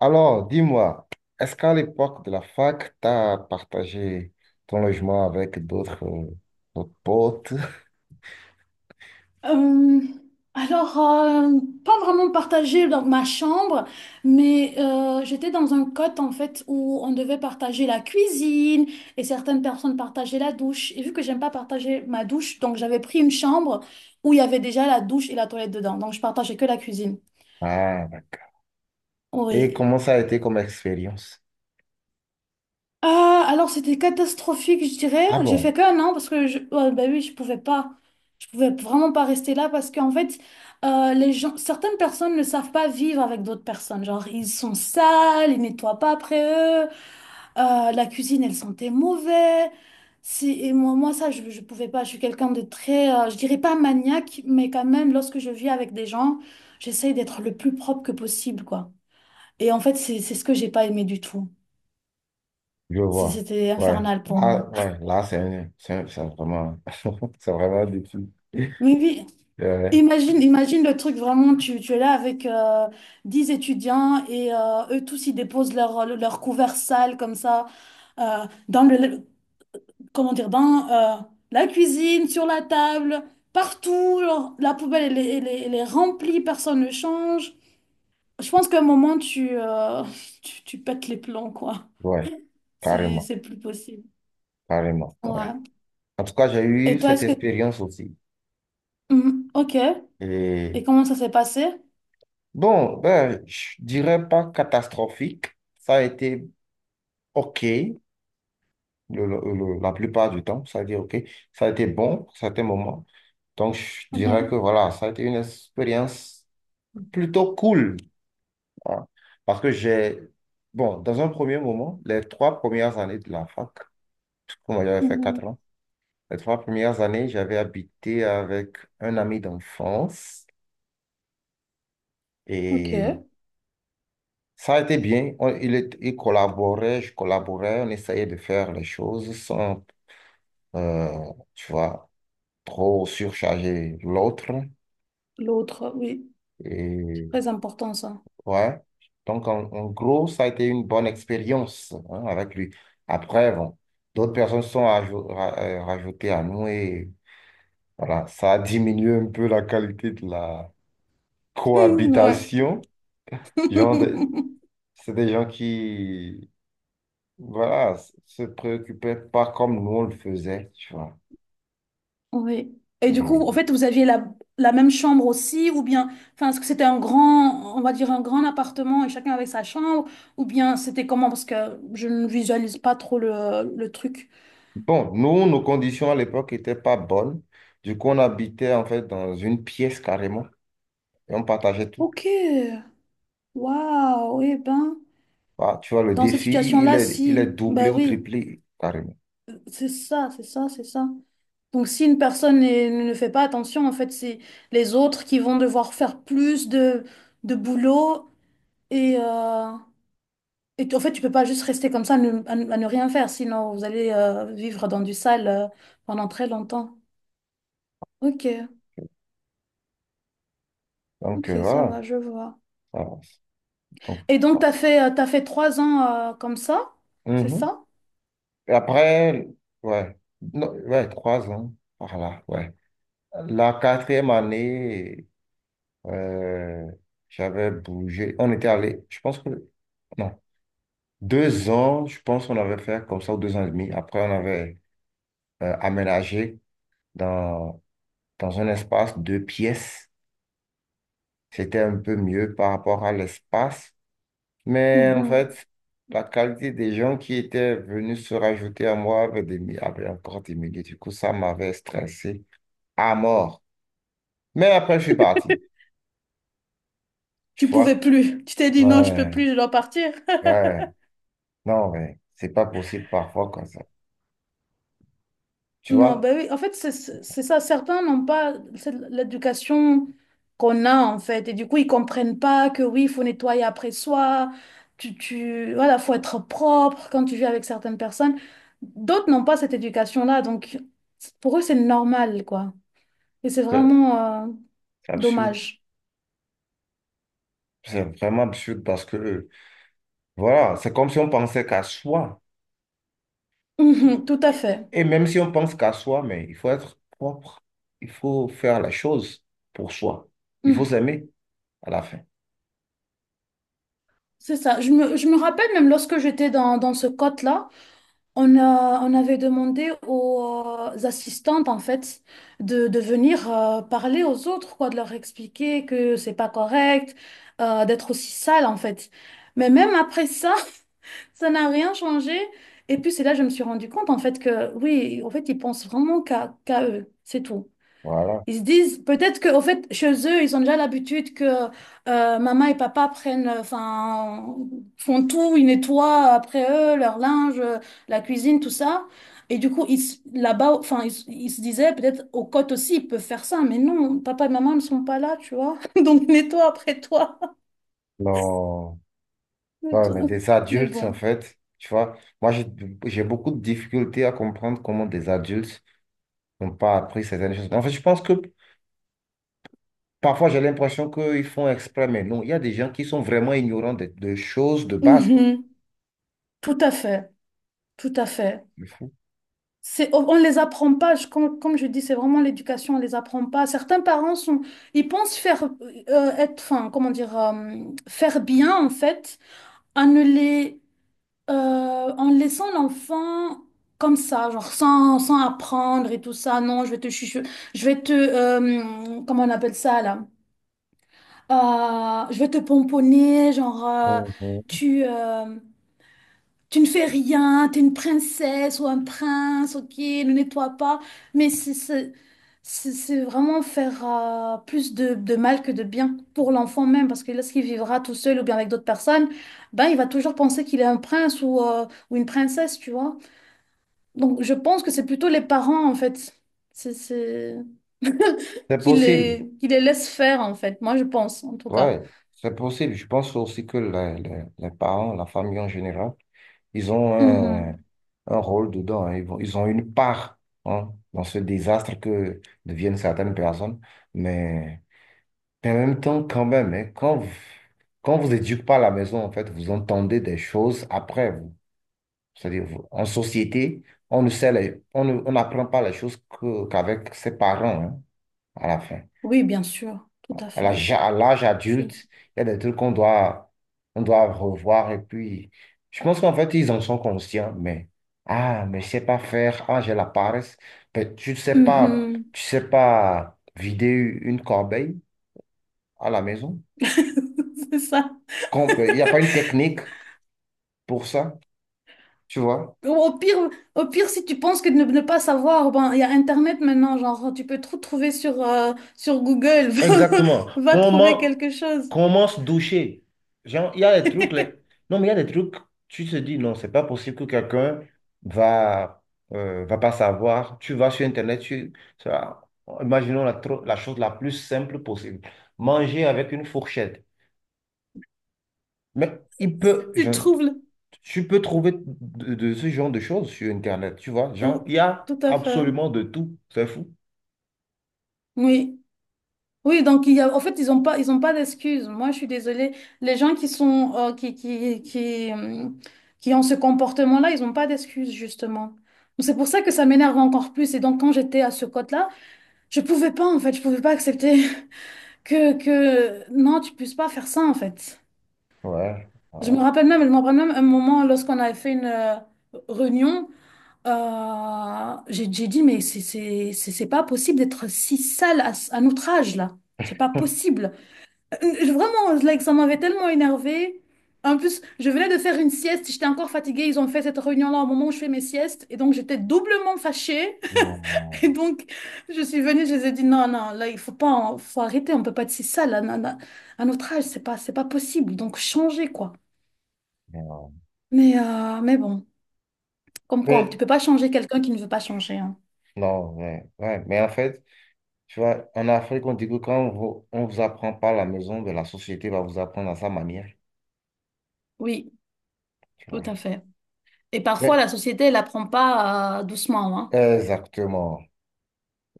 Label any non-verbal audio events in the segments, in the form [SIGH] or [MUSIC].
Alors, dis-moi, est-ce qu'à l'époque de la fac, tu as partagé ton logement avec d'autres d'autres potes? Euh, alors, pas vraiment partagé dans ma chambre, mais j'étais dans un cote en fait où on devait partager la cuisine et certaines personnes partageaient la douche. Et vu que j'aime pas partager ma douche, donc j'avais pris une chambre où il y avait déjà la douche et la toilette dedans. Donc je partageais que la cuisine. Ah, d'accord. Et Oui. comment ça a été comme expérience? Ah, alors c'était catastrophique, je dirais. Ah J'ai bon, fait qu'un an parce que ouais, bah oui, je pouvais pas, je pouvais vraiment pas rester là parce qu'en fait, les gens, certaines personnes ne savent pas vivre avec d'autres personnes. Genre, ils sont sales, ils nettoient pas après eux, la cuisine, elle sentait mauvais. Si, et moi, ça, je pouvais pas. Je suis quelqu'un de très, je dirais pas maniaque, mais quand même, lorsque je vis avec des gens, j'essaye d'être le plus propre que possible, quoi. Et en fait, c'est ce que j'ai pas aimé du tout. je vois. C'était Ouais, infernal pour moi. là, ouais, là, c'est vraiment, [LAUGHS] c'est vraiment un défi. Oui, oui. Euh, Imagine le truc vraiment, tu es là avec 10 étudiants et eux tous ils déposent leur couvert sale comme ça, dans comment dire, dans la cuisine, sur la table, partout. La poubelle, elle est remplie, personne ne change. Je pense qu'à un moment [LAUGHS] tu pètes les plombs, quoi. [LAUGHS] ouais, carrément, C'est plus possible. carrément, ouais. Ouais. En tout cas, j'ai eu Et toi, cette est-ce que... expérience aussi. Mhm. Ok. Et Et comment ça s'est passé? bon, ben, je dirais pas catastrophique. Ça a été OK, le- le- la plupart du temps. Ça veut dire, OK, ça a été bon à certains moments. Donc, je dirais que Mhm. voilà, ça a été une expérience plutôt cool, hein. Parce que j'ai, bon, dans un premier moment, les trois premières années de la fac, parce que moi, j'avais fait quatre Mhm. ans, les trois premières années, j'avais habité avec un ami d'enfance Ok. et ça a été bien. Il collaborait, je collaborais, on essayait de faire les choses sans, tu vois, trop surcharger l'autre. L'autre, oui. Et Très important ça. ouais. Donc, en gros, ça a été une bonne expérience, hein, avec lui. Après, bon, d'autres personnes sont rajoutées à nous et voilà, ça a diminué un peu la qualité de la Hmm, ouais. cohabitation. Genre de- [LAUGHS] c'est des gens qui, voilà, se préoccupaient pas comme nous on le faisait, tu vois. Oui. Et du coup, Et en fait, vous aviez la même chambre aussi, ou bien, enfin, est-ce que c'était un grand, on va dire un grand appartement et chacun avait sa chambre, ou bien c'était comment? Parce que je ne visualise pas trop le truc. bon, nous, nos conditions à l'époque n'étaient pas bonnes. Du coup, on habitait en fait dans une pièce carrément. Et on partageait tout. Ok. Waouh. Eh ben, Voilà, tu vois, le dans cette défi, situation-là, il est si, doublé ben ou oui, triplé, carrément. c'est ça, c'est ça, c'est ça. Donc, si une personne ne fait pas attention, en fait, c'est les autres qui vont devoir faire plus de boulot. Et, en fait, tu peux pas juste rester comme ça à ne rien faire, sinon vous allez vivre dans du sale pendant très longtemps. Ok, Donc, ok, ça voilà. va, je vois. Voilà. Donc, Et donc, voilà. T'as fait 3 ans, comme ça, c'est Mhm. ça? Et après, ouais, non, ouais, trois ans, voilà, ouais. La quatrième année, euh, j'avais bougé. On était allé, je pense que, non, deux ans, je pense qu'on avait fait comme ça, ou deux ans et demi. Après, on avait aménagé dans, dans un espace de pièces. C'était un peu mieux par rapport à l'espace. Mais en Mhm. fait, la qualité des gens qui étaient venus se rajouter à moi avait, avait encore diminué. Du coup, ça m'avait stressé à mort. Mais après, je suis parti. Tu Tu vois? pouvais plus. Tu t'es dit, non, je peux Ouais, plus, je dois partir. ouais. Non, mais c'est pas possible parfois comme ça. Tu Non, vois? ben oui, en fait, c'est ça. Certains n'ont pas l'éducation qu'on a, en fait. Et du coup, ils comprennent pas que oui, il faut nettoyer après soi. Voilà, faut être propre quand tu vis avec certaines personnes. D'autres n'ont pas cette éducation-là. Donc, pour eux, c'est normal, quoi. Et c'est C'est vraiment c'est absurde. dommage. [LAUGHS] C'est vraiment absurde parce que, voilà, c'est comme si on pensait qu'à soi. Et Mhm, tout à fait. et même si on pense qu'à soi, mais il faut être propre. Il faut faire la chose pour soi. Il faut Mhm. s'aimer à la fin. C'est ça. Je me rappelle même lorsque j'étais dans ce code là. On avait demandé aux assistantes en fait de venir parler aux autres quoi, de leur expliquer que c'est pas correct, d'être aussi sale en fait. Mais même après ça, [LAUGHS] ça n'a rien changé. Et puis c'est là que je me suis rendu compte en fait que oui, en fait ils pensent vraiment qu'à eux, c'est tout. Voilà. Ils se disent peut-être qu'au fait, chez eux, ils ont déjà l'habitude que, maman et papa font tout, ils nettoient après eux, leur linge, la cuisine, tout ça. Et du coup, là-bas, enfin, ils se disaient peut-être aux côtes aussi, ils peuvent faire ça. Mais non, papa et maman ne sont pas là, tu vois. [LAUGHS] Donc, nettoie après toi. Non. [LAUGHS] Non, mais Nettoie. des Mais adultes, en bon. fait, tu vois, moi, j'ai beaucoup de difficultés à comprendre comment des adultes n'ont pas appris certaines choses. En fait, je pense que parfois, j'ai l'impression qu'ils font exprès, mais non, il y a des gens qui sont vraiment ignorants de choses de base, quoi. Mhm. Tout à fait. Tout à fait. C'est fou. On ne les apprend pas. Comme je dis, c'est vraiment l'éducation, on ne les apprend pas. Certains parents ils pensent comment dire, faire bien, en fait, en ne les, en laissant l'enfant comme ça, genre sans apprendre et tout ça. Non, je vais te chuchoter, comment on appelle ça, là? Je vais te pomponner, genre, Mhm. tu, euh, tu ne fais rien, tu es une princesse ou un prince, ok, ne nettoie pas. Mais c'est vraiment faire, plus de mal que de bien pour l'enfant même, parce que lorsqu'il vivra tout seul ou bien avec d'autres personnes, ben, il va toujours penser qu'il est un prince, ou une princesse, tu vois. Donc je pense que c'est plutôt les parents, en fait, c'est, c'est... [LAUGHS] C'est qui possible. les, qui les laissent faire, en fait, moi je pense, en tout cas. Ouais, c'est possible. Je pense aussi que les parents, la famille en général, ils ont Mhm. un rôle dedans, hein. Ils ont une part, hein, dans ce désastre que deviennent certaines personnes. Mais en même temps, quand même, hein, quand vous éduquez pas à la maison, en fait, vous entendez des choses après vous. C'est-à-dire, en société, on ne sait les- on ne- on n'apprend pas les choses qu'avec ses parents, hein, à la fin, Oui, bien sûr, tout à fait. À l'âge Je- adulte, il y a des trucs qu'on doit, on doit revoir. Et puis, je pense qu'en fait, ils en sont conscients, mais, ah, mais je sais pas faire, ah, j'ai la paresse. Mais tu ne sais pas, Mhm. tu sais pas vider une corbeille à la maison. [LAUGHS] C'est ça. Il n'y a pas une technique pour ça, tu vois. Ou au pire, au pire, si tu penses que ne pas savoir, ben, il y a Internet maintenant, genre, tu peux tout trouver sur Google. [LAUGHS] Va, Exactement. va trouver quelque chose. Comment se doucher? Genre, il y a des trucs, non, mais il y a des trucs, tu te dis, non, c'est pas possible que quelqu'un va, va pas savoir. Tu vas sur Internet, tu, ça- imaginons la, la chose la plus simple possible. Manger avec une fourchette. Mais il peut, je, Tu trouves le- tu peux trouver de ce genre de choses sur Internet, tu vois. Genre, Oh, il y a tout à fait. absolument de tout. C'est fou. Oui. Oui, donc il y a, en fait, ils ont pas d'excuses. Moi, je suis désolée. Les gens qui sont, qui ont ce comportement-là, ils n'ont pas d'excuses, justement. C'est pour ça que ça m'énerve encore plus. Et donc, quand j'étais à ce code là, je pouvais pas accepter que, non, tu puisses pas faire ça en fait. Ouais, voilà. Je me rappelle même un moment lorsqu'on avait fait une, réunion, j'ai dit, mais c'est pas possible d'être si sale à notre âge là. C'est pas possible. Vraiment, like, ça m'avait tellement énervée. En plus, je venais de faire une sieste, j'étais encore fatiguée. Ils ont fait cette réunion-là au moment où je fais mes siestes. Et donc, j'étais doublement fâchée. [LAUGHS] Et Non, donc, je suis venue, je les ai dit, non, non, là, il faut pas, faut arrêter, on peut pas être si sale, à, à- à notre âge, c'est pas possible, donc changer, quoi. non. Mais bon, comme quoi, tu peux pas changer quelqu'un qui ne veut pas changer, hein. Non, ouais, ouais. Mais en fait, tu vois, en Afrique, on dit que on vous apprend pas à la maison, ben, la société va vous apprendre à sa manière, Oui, tu tout vois. à fait. Et parfois, Mais, la société, elle apprend pas, doucement, hein. exactement,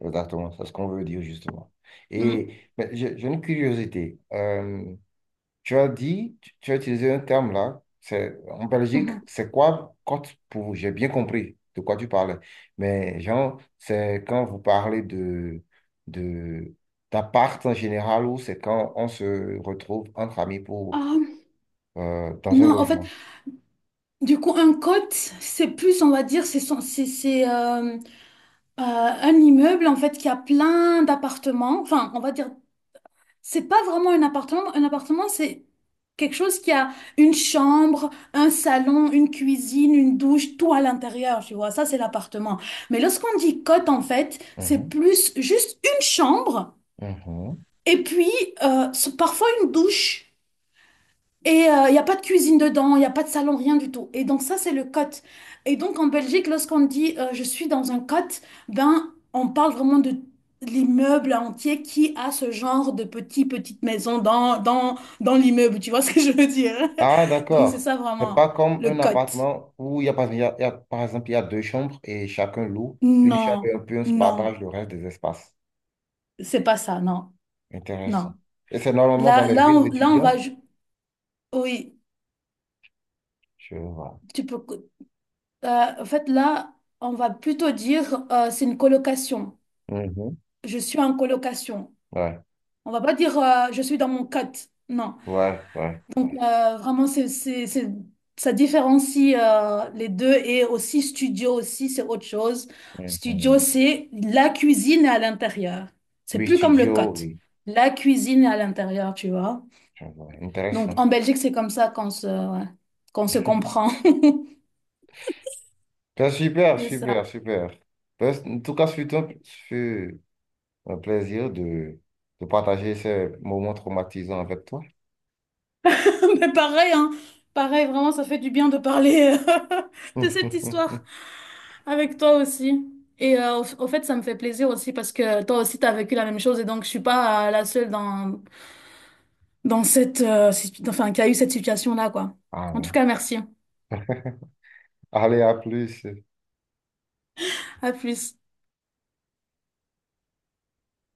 exactement, c'est ce qu'on veut dire justement. Mm. Et ben, j'ai une curiosité. Tu as dit, tu as utilisé un terme là, c'est en Belgique, Mhm. c'est quoi quand pour j'ai bien compris de quoi tu parlais. Mais genre, c'est quand vous parlez de d'appart en général ou c'est quand on se retrouve entre amis pour Ah, dans un non, en fait, logement. du coup, un cote, c'est plus, on va dire, c'est, son- c'est, un immeuble, en fait, qui a plein d'appartements, enfin, on va dire. C'est pas vraiment un appartement. Un appartement, c'est quelque chose qui a une chambre, un salon, une cuisine, une douche, tout à l'intérieur, tu vois. Ça, c'est l'appartement. Mais lorsqu'on dit cote, en fait, c'est Mhm, plus juste une chambre mhm. et puis, euh, parfois une douche. Et il n'y a pas de cuisine dedans, il n'y a pas de salon, rien du tout. Et donc ça, c'est le cote. Et donc en Belgique, lorsqu'on dit, je suis dans un cote, ben on parle vraiment de l'immeuble entier qui a ce genre de petite petite maison dans l'immeuble, tu vois ce que je veux dire? [LAUGHS] Ah, Donc c'est d'accord. ça C'est vraiment, pas comme le un cote. appartement où il y a, par par exemple il y a deux chambres et chacun loue une chambre Non, et un peu un non, partage le reste des espaces. c'est pas ça, non, Intéressant. non. Et c'est normalement dans Là, les là, villes on, là, on étudiantes? va... Oui, Je vois. tu peux... euh, en fait, là, on va plutôt dire, c'est une colocation. Mhm. Je suis en colocation. Ouais, On va pas dire, je suis dans mon cote. Non. ouais, ouais, ouais. Vraiment, ça différencie, les deux et aussi studio aussi, c'est autre chose. Studio, Mhm. c'est la cuisine est à l'intérieur. C'est Oui, plus comme le studio, cote. oui. La cuisine est à l'intérieur, tu vois. Je vois. Donc Intéressant. en Belgique, c'est comme ça ouais, qu'on se comprend. Ben, [LAUGHS] super, C'est super, ça. super. Ben, en tout cas, c'est un, ce fut un plaisir de partager ces moments traumatisants avec toi. [LAUGHS] Mais pareil, hein. Pareil, vraiment, ça fait du bien de parler, [LAUGHS] de cette [LAUGHS] histoire avec toi aussi. Et au fait, ça me fait plaisir aussi parce que toi aussi, t'as vécu la même chose et donc je suis pas, la seule dans cette, enfin, qui a eu cette situation-là, quoi. Ah, En tout ouais. cas, merci. Allez, à plus. À plus.